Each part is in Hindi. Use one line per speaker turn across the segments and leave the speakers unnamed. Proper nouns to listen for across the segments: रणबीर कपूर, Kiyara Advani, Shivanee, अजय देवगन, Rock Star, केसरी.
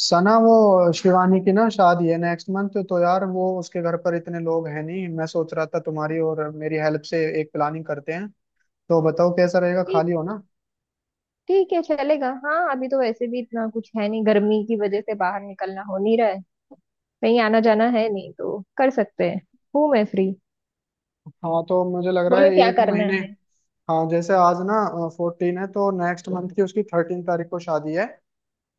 सना, वो शिवानी की ना शादी है नेक्स्ट मंथ। तो यार वो उसके घर पर इतने लोग हैं नहीं, मैं सोच रहा था तुम्हारी और मेरी हेल्प से एक प्लानिंग करते हैं। तो बताओ कैसा रहेगा,
ठीक
खाली हो ना।
ठीक है। चलेगा। हाँ, अभी तो वैसे भी इतना कुछ है नहीं, गर्मी की वजह से बाहर निकलना हो नहीं रहा है। कहीं आना जाना है नहीं तो कर सकते हैं। मैं फ्री।
हाँ तो मुझे लग रहा
बोलो
है
क्या
एक
करना
महीने।
है।
हाँ जैसे आज ना 14 है, तो नेक्स्ट मंथ की उसकी 13 तारीख को शादी है।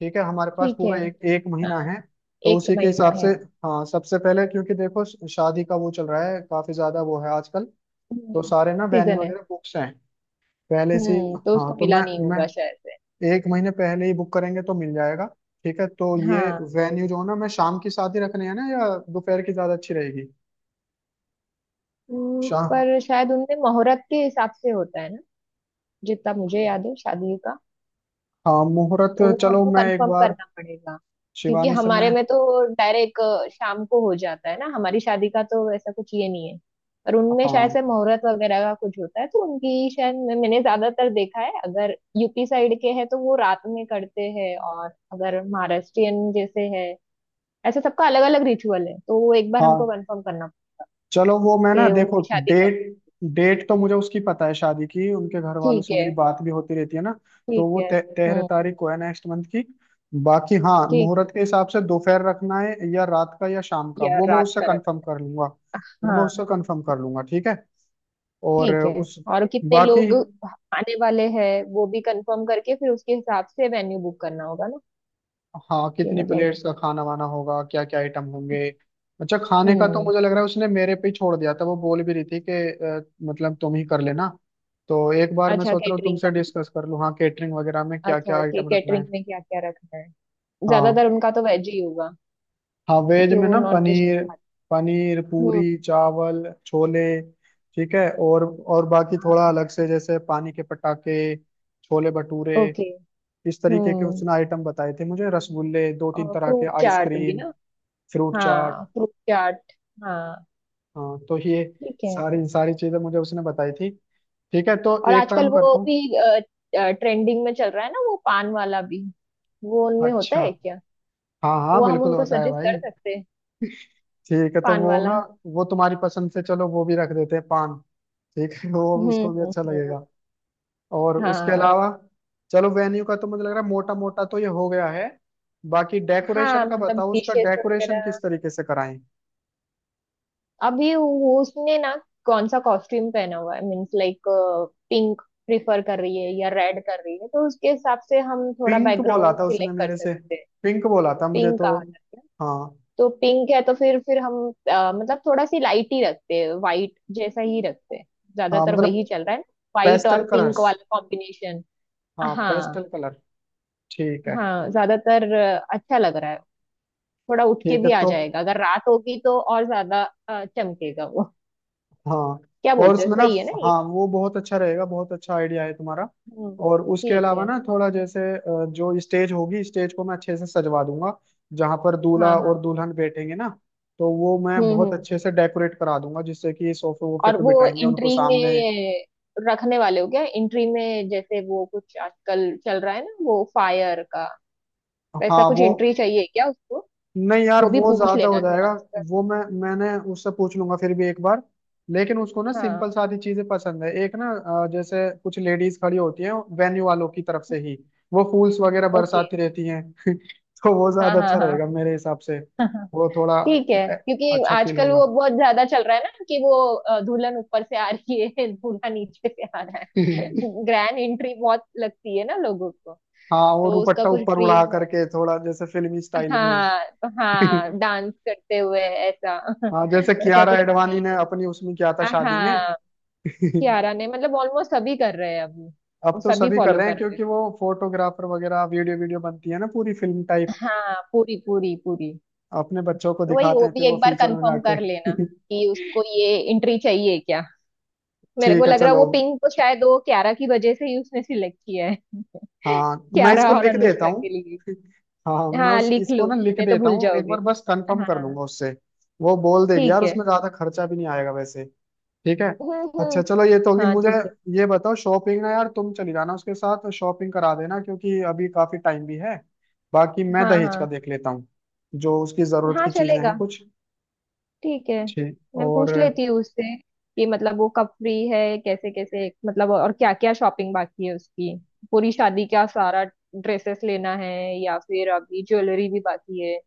ठीक है, हमारे पास
ठीक है।
पूरा एक एक महीना
हाँ,
है। तो
एक
उसी के
महीना
हिसाब से।
है।
हाँ सबसे पहले, क्योंकि देखो शादी का वो चल रहा है काफी ज्यादा, वो है आजकल। तो सारे ना वेन्यू
सीजन है।
वगैरह बुक्स हैं पहले से ही।
तो
हाँ
उसको
तो
मिला
मैं
नहीं
मैं
होगा शायद से।
एक महीने पहले ही बुक करेंगे तो मिल जाएगा। ठीक है तो ये
हाँ।
वेन्यू जो है ना, मैं शाम की शादी रखने है ना या दोपहर की ज्यादा अच्छी रहेगी। शाम।
पर शायद उनमें मुहूर्त के हिसाब से होता है ना। जितना मुझे याद है शादी का,
हाँ मुहूर्त,
तो वो
चलो
हमको
मैं एक
कंफर्म
बार
करना पड़ेगा क्योंकि
शिवानी से मैं।
हमारे में तो डायरेक्ट शाम को हो जाता है ना। हमारी शादी का तो ऐसा कुछ ये नहीं है, पर उनमें शायद
हाँ
से मुहूर्त वगैरह का कुछ होता है। तो उनकी शायद मैंने ज्यादातर देखा है अगर यूपी साइड के हैं तो वो रात में करते हैं, और अगर महाराष्ट्रियन जैसे है, ऐसे सबका अलग अलग रिचुअल है। तो वो एक बार हमको
हाँ,
कंफर्म करना पड़ेगा
चलो वो मैं ना
कि
देखो।
उनकी शादी कब।
डेट, डेट तो मुझे उसकी पता है शादी की, उनके घर वालों
ठीक
से
है।
मेरी बात भी होती रहती है ना। तो
ठीक
वो
है।
13
हम्म।
तारीख को है नेक्स्ट मंथ की। बाकी हाँ,
ठीक है।
मुहूर्त के हिसाब से दोपहर रखना है या रात का या शाम का,
या
वो मैं
रात
उससे
का रख।
कंफर्म कर लूंगा। वो मैं उससे
हाँ।
कंफर्म कर लूंगा ठीक है। और
ठीक है।
उस
और कितने
बाकी,
लोग आने वाले हैं वो भी कंफर्म करके फिर उसके हिसाब से वेन्यू बुक करना होगा ना।
हाँ
कि
कितनी
मतलब।
प्लेट्स का खाना वाना होगा, क्या क्या आइटम होंगे। अच्छा खाने का तो
हम्म।
मुझे लग रहा है उसने मेरे पे ही छोड़ दिया था, वो बोल भी रही थी कि मतलब तुम ही कर लेना। तो एक बार मैं
अच्छा,
सोच रहा हूँ
कैटरिंग
तुमसे
का।
डिस्कस कर लूँ, हाँ केटरिंग वगैरह में क्या क्या
अच्छा, कि
आइटम रखना
कैटरिंग
है।
में क्या क्या रखना है।
हाँ
ज्यादातर उनका तो वेज ही होगा
हाँ, वेज
क्योंकि
में
वो
ना
नॉन वेज नहीं
पनीर,
खाते।
पनीर
हम्म।
पूरी चावल छोले। ठीक है, और बाकी थोड़ा
हाँ।
अलग से जैसे पानी के पटाखे, छोले भटूरे,
ओके।
इस तरीके के
हम्म।
उसने आइटम बताए थे मुझे, रसगुल्ले, दो तीन
और
तरह के
फ्रूट चाट भी
आइसक्रीम,
ना।
फ्रूट चाट।
हाँ, फ्रूट चाट। हाँ।
हाँ तो ये
ठीक है।
सारी सारी चीजें मुझे उसने बताई थी। ठीक है तो
और
एक
आजकल
काम
वो
करता हूँ।
भी ट्रेंडिंग में चल रहा है ना, वो पान वाला भी। वो उनमें होता
अच्छा
है क्या।
हाँ हाँ,
वो हम
बिल्कुल
उनको
होता है
सजेस्ट
भाई।
कर सकते हैं,
ठीक है तो
पान
वो ना,
वाला।
वो तुम्हारी पसंद से, चलो वो भी रख देते हैं पान। ठीक है, वो भी
हम्म,
उसको भी
हम्म,
अच्छा
हम्म।
लगेगा। और उसके
हाँ।
अलावा, चलो वेन्यू का तो मुझे लग रहा है मोटा मोटा तो ये हो गया है। बाकी
हाँ,
डेकोरेशन का
मतलब
बताओ, उसका
डिशेस
डेकोरेशन
वगैरह।
किस तरीके से कराएं।
अभी वो उसने ना कौन सा कॉस्ट्यूम पहना हुआ है, मीन्स लाइक पिंक प्रिफर कर रही है या रेड कर रही है, तो उसके हिसाब से हम थोड़ा
पिंक बोला
बैकग्राउंड
था उसने
सिलेक्ट कर
मेरे से,
सकते हैं।
पिंक बोला था मुझे
पिंक
तो।
कहा जाता है।
हाँ
तो पिंक है तो फिर हम, मतलब थोड़ा सी लाइट ही रखते हैं, वाइट जैसा ही रखते हैं।
हाँ
ज्यादातर
मतलब
वही चल रहा है, वाइट और
पेस्टल
पिंक
कलर्स।
वाला कॉम्बिनेशन।
हाँ पेस्टल
हाँ।
कलर। ठीक है।
हाँ, ज्यादातर अच्छा लग रहा है। थोड़ा उठ के
ठीक है
भी आ
तो
जाएगा अगर रात होगी तो, और ज्यादा चमकेगा वो।
हाँ।
क्या
और
बोलते हैं,
उसमें ना,
सही है ना ये।
हाँ वो बहुत अच्छा रहेगा, बहुत अच्छा आइडिया है तुम्हारा।
हम्म।
और उसके
ठीक है।
अलावा ना थोड़ा जैसे जो स्टेज होगी, स्टेज को मैं अच्छे से सजवा दूंगा, जहां पर दूल्हा
हाँ, हाँ।
और दुल्हन बैठेंगे ना। तो वो मैं
हम्म, हम्म,
बहुत अच्छे से डेकोरेट करा दूंगा, जिससे कि सोफे वोफे
और
पे
वो
बिठाएंगे उनको
एंट्री
सामने।
में रखने वाले हो क्या? एंट्री में जैसे वो कुछ आजकल चल रहा है ना, वो फायर का, वैसा
हाँ
कुछ
वो,
एंट्री चाहिए क्या उसको?
नहीं यार
वो भी
वो
पूछ
ज्यादा
लेना।
हो जाएगा।
आजकल।
वो मैंने उससे पूछ लूंगा फिर भी एक बार। लेकिन उसको ना
हाँ।
सिंपल सादी चीजें पसंद है एक ना। जैसे कुछ लेडीज खड़ी होती हैं वेन्यू वालों की तरफ से ही, वो फूल्स वगैरह
ओके।
बरसाती रहती हैं तो वो
हाँ,
ज्यादा अच्छा
हाँ,
रहेगा मेरे हिसाब से।
हाँ।
वो थोड़ा
ठीक है।
अ,
क्योंकि
अच्छा फील
आजकल
होगा।
वो बहुत ज्यादा चल रहा है ना कि वो दुल्हन ऊपर से आ रही है दूल्हा नीचे से आ रहा है ग्रैंड एंट्री, बहुत लगती है ना लोगों को।
हाँ वो
तो उसका
दुपट्टा
कुछ
ऊपर उड़ा
ड्रीम हो।
करके थोड़ा जैसे फिल्मी स्टाइल में।
हाँ तो हाँ, डांस करते हुए ऐसा।
हाँ जैसे
वैसा
कियारा
तो कुछ नहीं
एडवाणी ने
है।
अपनी उसमें किया था शादी में।
हाँ। कियारा ने मतलब ऑलमोस्ट सभी कर रहे हैं अभी।
अब
वो
तो
सभी
सभी कर
फॉलो
रहे हैं,
कर रहे हैं।
क्योंकि वो फोटोग्राफर वगैरह वीडियो वीडियो बनती है ना, पूरी फिल्म टाइप।
हाँ, पूरी पूरी पूरी।
अपने बच्चों को
तो वही
दिखाते
वो
हैं फिर
भी
वो
एक बार
फ्यूचर में
कंफर्म
जाके।
कर लेना कि उसको ये एंट्री चाहिए क्या। मेरे को
ठीक है
लग रहा है
चलो।
वो पिंक तो शायद वो क्यारा की वजह से ही उसने सिलेक्ट किया है।
हाँ मैं
क्यारा
इसको
और
लिख देता
अनुष्का
हूँ।
के लिए।
हाँ मैं
हाँ,
उस
लिख
इसको
लो,
ना लिख
नहीं तो
देता
भूल
हूँ एक
जाओगे।
बार, बस कंफर्म कर
हाँ।
लूंगा उससे। वो बोल देगी यार,
ठीक है।
उसमें ज्यादा खर्चा भी नहीं आएगा वैसे। ठीक है।
हम्म,
अच्छा
हम्म।
चलो ये तो होगी
हाँ,
मुझे।
ठीक है।
ये बताओ शॉपिंग ना, यार तुम चली जाना उसके साथ, शॉपिंग करा देना, क्योंकि अभी काफी टाइम भी है। बाकी मैं
हाँ,
दहेज का
हाँ,
देख लेता हूँ, जो उसकी जरूरत
हाँ,
की चीजें
चलेगा।
हैं कुछ।
ठीक है,
ठीक।
मैं
और
पूछ लेती हूँ उससे कि मतलब वो कब फ्री है, कैसे कैसे, मतलब और क्या क्या शॉपिंग बाकी है उसकी। पूरी शादी का सारा ड्रेसेस लेना है, या फिर अभी ज्वेलरी भी बाकी है,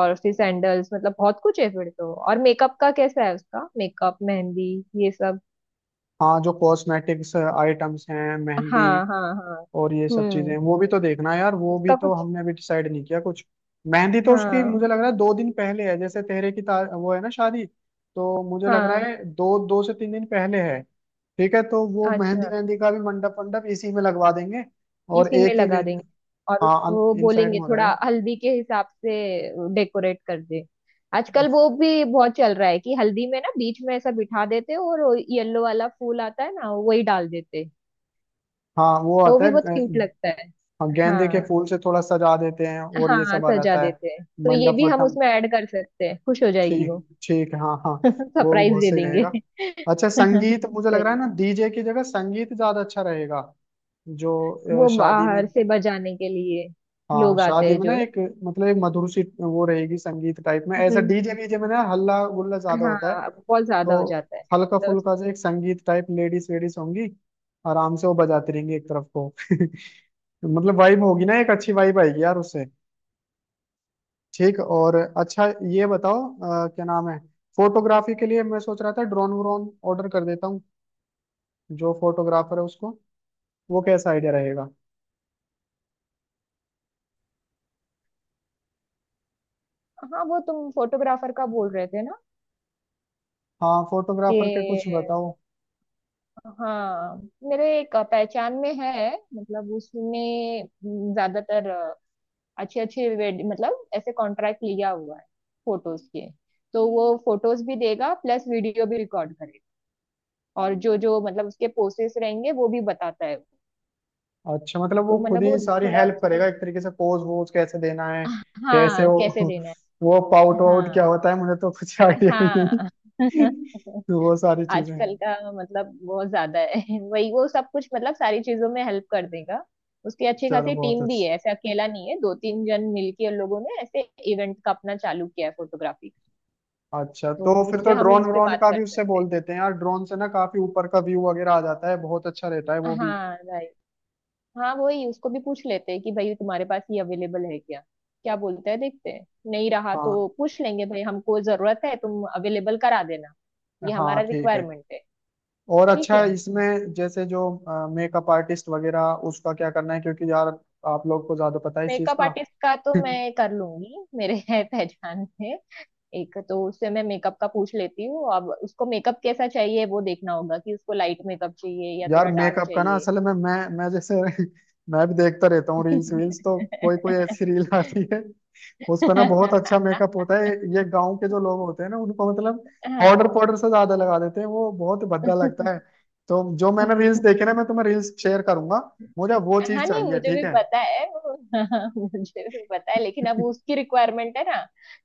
और फिर सैंडल्स, मतलब बहुत कुछ है फिर तो। और मेकअप का कैसा है उसका, मेकअप, मेहंदी, ये सब।
हाँ, जो कॉस्मेटिक्स आइटम्स हैं, मेहंदी,
हाँ, हाँ, हाँ।
और ये सब चीजें
हम्म।
वो भी तो देखना है यार, वो भी
उसका
तो
कुछ।
हमने अभी डिसाइड नहीं किया कुछ। मेहंदी तो उसकी
हाँ,
मुझे लग रहा है 2 दिन पहले है, जैसे वो है ना शादी, तो मुझे लग रहा
हाँ।
है दो 2 से 3 दिन पहले है। ठीक है तो वो मेहंदी
अच्छा।
मेहंदी का भी मंडप मंडप इसी में लगवा देंगे। और
इसी में
एक ही
लगा देंगे। और
हाँ
उसको
इन साइड में
बोलेंगे
हो
थोड़ा
जाएगा।
हल्दी के हिसाब से डेकोरेट कर दे। आजकल वो भी बहुत चल रहा है कि हल्दी में ना बीच में ऐसा बिठा देते हैं और येलो वाला फूल आता है ना वही डाल देते हैं।
हाँ वो
तो वो
आता
भी
है
बहुत क्यूट लगता है।
हाँ, गेंदे के
हाँ।
फूल से थोड़ा सजा देते हैं और ये
हाँ,
सब आ
सजा
जाता है।
देते हैं तो ये
मंडप
भी हम
वटम
उसमें ऐड कर सकते हैं, खुश हो जाएगी वो।
ठीक, ठीक है, हाँ हाँ। वो भी
सरप्राइज
बहुत
दे
सही
देंगे।
रहेगा। अच्छा संगीत, मुझे लग
सही
रहा
है।
है ना डीजे की जगह संगीत ज्यादा अच्छा रहेगा। जो
वो
शादी में,
बाहर से बजाने के लिए
हाँ
लोग आते
शादी
हैं
में
जो
ना
ना।
एक, मतलब एक मधुर सी वो रहेगी, संगीत टाइप में। ऐसा डीजे
हम्म।
वीजे में ना हल्ला गुल्ला ज्यादा होता है।
हाँ, बहुत
तो
ज्यादा हो जाता है।
हल्का
तो।
फुल्का जो एक संगीत टाइप, लेडीज वेडीज होंगी, आराम से वो बजाती रहेंगी एक तरफ को मतलब वाइब होगी ना, एक अच्छी वाइब आएगी यार उससे। ठीक और अच्छा, ये बताओ क्या नाम है, फोटोग्राफी के लिए मैं सोच रहा था ड्रोन व्रोन ऑर्डर कर देता हूँ, जो फोटोग्राफर है उसको। वो कैसा आइडिया रहेगा।
हाँ, वो तुम फोटोग्राफर का बोल रहे थे ना
हाँ फोटोग्राफर के
कि।
कुछ बताओ।
हाँ, मेरे एक पहचान में है, मतलब उसने ज्यादातर अच्छे अच्छे, मतलब ऐसे कॉन्ट्रैक्ट लिया हुआ है फोटोज के। तो वो फोटोज भी देगा प्लस वीडियो भी रिकॉर्ड करेगा, और जो जो मतलब उसके पोसेस रहेंगे वो भी बताता है।
अच्छा मतलब वो
तो
खुद
मतलब वो
ही सारी
थोड़ा
हेल्प
उसमें,
करेगा एक तरीके से, पोज वोज कैसे देना है, कैसे
हाँ, कैसे
वो
देना
वो
है।
पाउट वाउट
हाँ,
क्या होता है, मुझे तो कुछ आइडिया भी
हाँ।
नहीं तो वो सारी चीजें।
आजकल का मतलब बहुत ज्यादा है। वही वो सब कुछ, मतलब सारी चीजों में हेल्प कर देगा। उसकी अच्छी
चलो
खासी
बहुत
टीम भी
अच्छी।
है, ऐसे अकेला नहीं है। दो तीन जन मिलके उन लोगों ने ऐसे इवेंट का अपना चालू किया है, फोटोग्राफी।
अच्छा तो
तो
फिर तो
उससे हम
ड्रोन
इस पे
व्रोन
बात
का
कर
भी उससे
सकते हैं।
बोल देते हैं यार, ड्रोन से ना काफी ऊपर का व्यू वगैरह आ जाता है, बहुत अच्छा रहता है वो भी।
हाँ, राइट। हाँ, वही उसको भी पूछ लेते हैं कि भाई तुम्हारे पास ये अवेलेबल है क्या, क्या बोलता है, देखते हैं। नहीं रहा तो
हाँ
पूछ लेंगे, भाई हमको जरूरत है, तुम अवेलेबल करा देना, ये
हाँ
हमारा
ठीक है।
रिक्वायरमेंट है।
और
ठीक
अच्छा
है।
है, इसमें जैसे जो मेकअप आर्टिस्ट वगैरह, उसका क्या करना है, क्योंकि यार आप लोग को ज्यादा पता है इस चीज
मेकअप
का।
आर्टिस्ट का तो मैं कर लूंगी, मेरे है पहचान में एक। तो उससे मैं मेकअप का पूछ लेती हूँ। अब उसको मेकअप कैसा चाहिए वो देखना होगा, कि उसको लाइट मेकअप चाहिए या
यार
थोड़ा डार्क
मेकअप का ना,
चाहिए।
असल में मैं जैसे मैं भी देखता रहता हूँ रील्स वील्स, तो कोई कोई ऐसी रील आती है, उस पर ना बहुत अच्छा मेकअप होता है। ये गांव के जो लोग होते हैं ना, उनको मतलब
हाँ,
पाउडर पाउडर से ज्यादा लगा देते हैं, वो बहुत भद्दा लगता है। तो जो मैंने रील्स देखे ना, मैं तुम्हें रील्स शेयर करूंगा, मुझे वो
हाँ,
चीज
नहीं,
चाहिए
मुझे
ठीक
भी
है।
पता है वो। हाँ, मुझे भी पता है, लेकिन अब उसकी रिक्वायरमेंट है ना।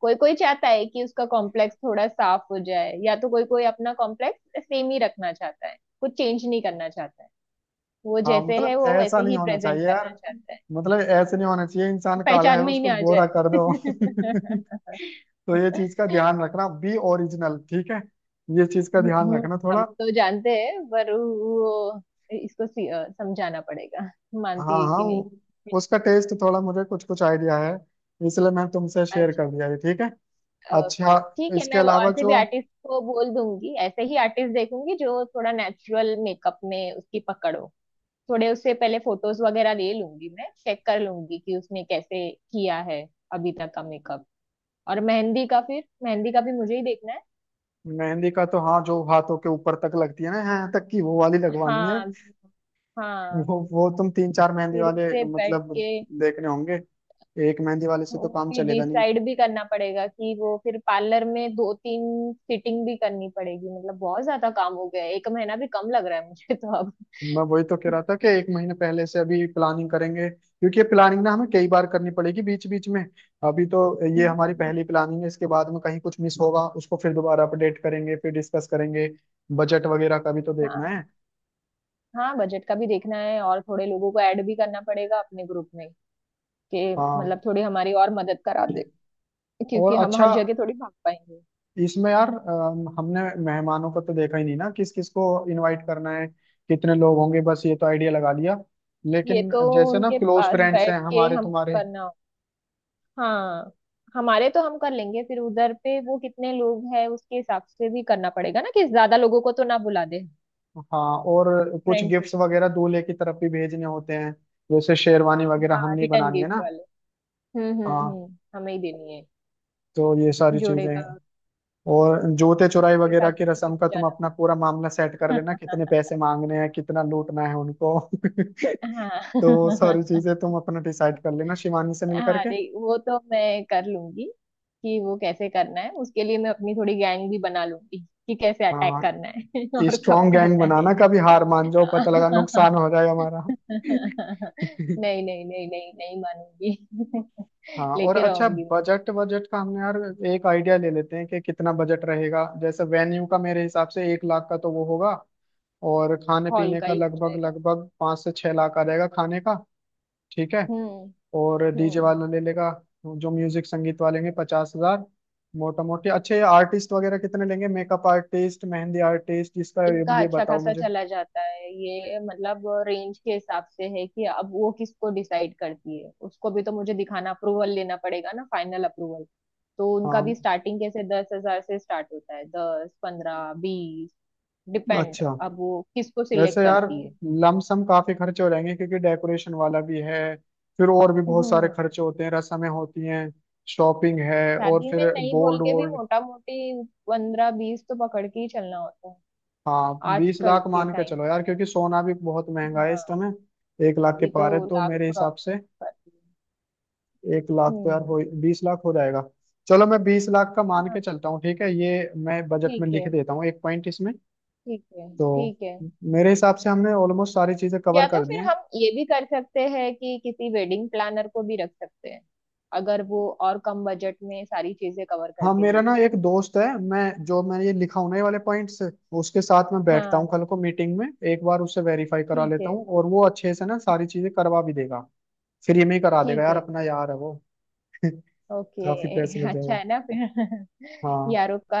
कोई कोई चाहता है कि उसका कॉम्प्लेक्स थोड़ा साफ हो जाए, या तो कोई कोई अपना कॉम्प्लेक्स सेम ही रखना चाहता है, कुछ चेंज नहीं करना चाहता है। वो
हाँ
जैसे है
मतलब
वो
ऐसा
वैसे
नहीं
ही
होना
प्रेजेंट
चाहिए यार,
करना चाहता है।
मतलब ऐसे नहीं होना चाहिए, इंसान काला
पहचान
है
में ही
उसको
ना आ
गोरा
जाए।
कर दो तो ये चीज का ध्यान रखना, बी ओरिजिनल ठीक है। ये चीज का ध्यान रखना
हम
थोड़ा।
तो जानते हैं, पर वो इसको समझाना पड़ेगा,
हाँ
मानती है
हाँ
कि नहीं।
वो, उसका टेस्ट थोड़ा मुझे कुछ कुछ आइडिया है, इसलिए मैं तुमसे शेयर
अच्छा।
कर दिया ये ठीक है। अच्छा,
ओके, ठीक है,
इसके
मैं वो
अलावा
और से भी
जो
आर्टिस्ट को बोल दूंगी, ऐसे ही आर्टिस्ट देखूंगी जो थोड़ा नेचुरल मेकअप में उसकी पकड़ हो। थोड़े उससे पहले फोटोज वगैरह ले लूंगी, मैं चेक कर लूंगी कि उसने कैसे किया है अभी तक का मेकअप। और मेहंदी का, फिर मेहंदी का भी मुझे ही देखना है।
मेहंदी का तो, हाँ जो हाथों के ऊपर तक लगती है ना, यहाँ तक की वो वाली लगवानी है।
हाँ, हाँ।
वो तुम 3-4 मेहंदी
फिर
वाले,
उससे बैठ
मतलब
के
देखने होंगे, एक मेहंदी वाले से
वो
तो काम
भी
चलेगा नहीं।
डिसाइड भी करना पड़ेगा, कि वो फिर पार्लर में दो तीन सिटिंग भी करनी पड़ेगी। मतलब बहुत ज्यादा काम हो गया है। एक महीना भी कम लग रहा है मुझे तो अब।
मैं वही तो कह रहा था कि एक महीने पहले से अभी प्लानिंग करेंगे, क्योंकि ये प्लानिंग ना हमें कई बार करनी पड़ेगी बीच बीच में। अभी तो ये हमारी
हाँ।
पहली प्लानिंग है, इसके बाद में कहीं कुछ मिस होगा, उसको फिर दोबारा अपडेट करेंगे फिर डिस्कस करेंगे। बजट वगैरह का भी तो देखना है।
हाँ, बजट का भी देखना है, और थोड़े लोगों को ऐड भी करना पड़ेगा अपने ग्रुप में, कि
हाँ
मतलब थोड़ी हमारी और मदद करा दे,
और
क्योंकि हम
अच्छा,
हर जगह थोड़ी भाग पाएंगे।
इसमें यार हमने मेहमानों को तो देखा ही नहीं ना, किस किस को इनवाइट करना है, कितने लोग होंगे, बस ये तो आइडिया लगा लिया।
ये
लेकिन
तो
जैसे ना
उनके
क्लोज
पास
फ्रेंड्स हैं
बैठ के
हमारे
हम
तुम्हारे।
करना हो। हाँ, हमारे तो हम कर लेंगे, फिर उधर पे वो कितने लोग हैं उसके हिसाब से भी करना पड़ेगा ना कि ज्यादा लोगों को तो ना बुला दे।
हाँ और कुछ
फ्रेंड्स।
गिफ्ट्स वगैरह दूल्हे की तरफ भी भेजने होते हैं, जैसे शेरवानी वगैरह हम
हाँ,
नहीं
रिटर्न
बनानी है ना।
गिफ्ट वाले। हम्म, हम्म,
हाँ
हम्म, हमें ही देनी है।
तो ये सारी
जोड़े
चीजें
का।
हैं। और जूते
फिर
चुराई
उसके साथ
वगैरह की
भी किसी
रस्म
को
का तुम
जाना।
अपना पूरा मामला सेट कर लेना, कितने पैसे मांगने हैं, कितना लूटना है उनको तो वो
हाँ।
सारी चीजें तुम अपना डिसाइड कर लेना शिवानी से मिल
हाँ,
करके।
अरे वो तो मैं कर लूंगी। कि वो कैसे करना है उसके लिए मैं अपनी थोड़ी गैंग भी बना लूंगी, कि कैसे अटैक
हाँ
करना है और कब
स्ट्रॉन्ग गैंग
करना है।
बनाना, कभी हार मान जाओ पता लगा नुकसान हो जाए हमारा।
नहीं, नहीं, नहीं, नहीं, नहीं मानूंगी।
हाँ और
लेके
अच्छा,
रहूंगी मैं।
बजट बजट का हमने यार एक आइडिया ले लेते हैं कि कितना बजट रहेगा। जैसे वेन्यू का मेरे हिसाब से 1 लाख का तो वो होगा, और खाने
हॉल
पीने
का
का
ही हो
लगभग
जाएगा।
लगभग 5 से 6 लाख आ जाएगा खाने का। ठीक है।
हम्म।
और डीजे
हम्म।
वाला ले लेगा, जो म्यूजिक संगीत वाले लेंगे, 50,000। मोटा मोटी अच्छे आर्टिस्ट वगैरह कितने लेंगे, मेकअप आर्टिस्ट, मेहंदी आर्टिस्ट, इसका
इनका
ये
अच्छा
बताओ
खासा
मुझे।
चला जाता है। ये मतलब रेंज के हिसाब से है, कि अब वो किसको डिसाइड करती है। उसको भी तो मुझे दिखाना, अप्रूवल लेना पड़ेगा ना, फाइनल अप्रूवल। तो उनका भी
हाँ
स्टार्टिंग कैसे 10,000 से स्टार्ट होता है, दस पंद्रह बीस डिपेंड।
अच्छा,
अब वो किसको सिलेक्ट
वैसे यार
करती है।
लमसम काफी खर्चे हो जाएंगे, क्योंकि डेकोरेशन वाला भी है, फिर और भी बहुत सारे
हम्म।
खर्चे होते हैं, रस्में होती हैं, शॉपिंग है, और
शादी
फिर
में नहीं बोल
गोल्ड
के भी
वोल्ड।
मोटा मोटी पंद्रह बीस तो पकड़ के ही चलना होता है।
हाँ बीस
आजकल
लाख
के
मान के
टाइम।
चलो यार, क्योंकि सोना भी बहुत महंगा है इस
हाँ,
समय, 1 लाख के
अभी तो
पार है तो
लाख
मेरे
क्रॉस
हिसाब से।
कर दिए।
एक लाख तो यार
हम्म।
हो, 20 लाख हो जाएगा। चलो मैं 20 लाख का मान
हाँ,
के चलता हूँ ठीक है, ये मैं बजट में
ठीक है।
लिख देता हूँ एक पॉइंट इसमें।
ठीक है।
तो
ठीक है।
मेरे हिसाब से हमने ऑलमोस्ट सारी चीजें कवर
या तो
कर दी
फिर
हैं।
हम ये भी कर सकते हैं कि किसी वेडिंग प्लानर को भी रख सकते हैं, अगर वो और कम बजट में सारी चीजें कवर
हाँ
करके दे
मेरा ना
दे।
एक दोस्त है, मैं जो मैंने ये लिखा हूं ना ये वाले पॉइंट्स, उसके साथ मैं बैठता
हाँ।
हूँ कल को मीटिंग में, एक बार उससे वेरीफाई करा
ठीक है।
लेता हूँ, और वो अच्छे से ना सारी चीजें करवा भी देगा। फ्री में ही करा देगा
ठीक
यार,
है।
अपना यार है वो
ओके।
काफी पैसे लग
अच्छा
जाएगा।
है ना फिर।
हाँ
यारों का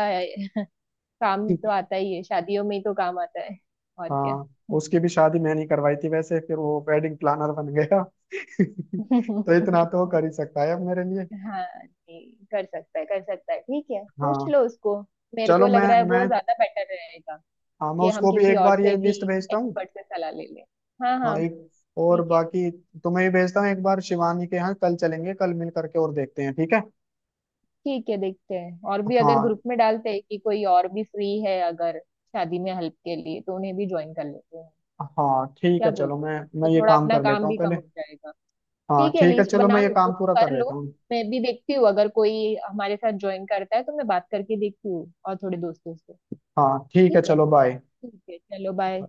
काम तो आता ही है, शादियों में ही तो काम आता है। और क्या।
हाँ, उसकी भी शादी मैंने ही करवाई थी वैसे, फिर वो वेडिंग प्लानर बन गया तो इतना तो वो कर ही सकता है अब मेरे लिए।
हाँ जी। कर सकता है, कर सकता है, ठीक है, पूछ
हाँ
लो उसको। मेरे को
चलो
लग रहा है वो
मैं,
ज्यादा बेटर रहेगा,
हाँ मैं
कि हम
उसको भी
किसी
एक
और
बार ये
से भी,
लिस्ट भेजता हूँ।
एक्सपर्ट से सलाह ले लें। हाँ,
हाँ
हाँ।
एक और
ठीक है।
बाकी, तुम्हें भी भेजता हूँ एक बार, शिवानी के यहाँ कल चलेंगे कल मिल करके और देखते हैं ठीक है।
ठीक है, देखते हैं, और भी अगर
हाँ
ग्रुप में डालते हैं कि कोई और भी फ्री है अगर शादी में हेल्प के लिए तो उन्हें भी ज्वाइन कर लेते हैं।
हाँ ठीक
क्या
है, चलो
बोलते हैं,
मैं
तो
ये
थोड़ा
काम
अपना
कर
काम
लेता हूँ
भी कम
पहले।
हो जाएगा।
हाँ
ठीक है,
ठीक है
लिस्ट
चलो
बना
मैं ये
लो तुम,
काम पूरा कर
कर लो।
लेता हूँ।
मैं भी देखती हूँ अगर कोई हमारे साथ ज्वाइन करता है तो मैं बात करके देखती हूँ और थोड़े दोस्तों से।
हाँ ठीक है
ठीक है।
चलो बाय।
ठीक है, चलो बाय।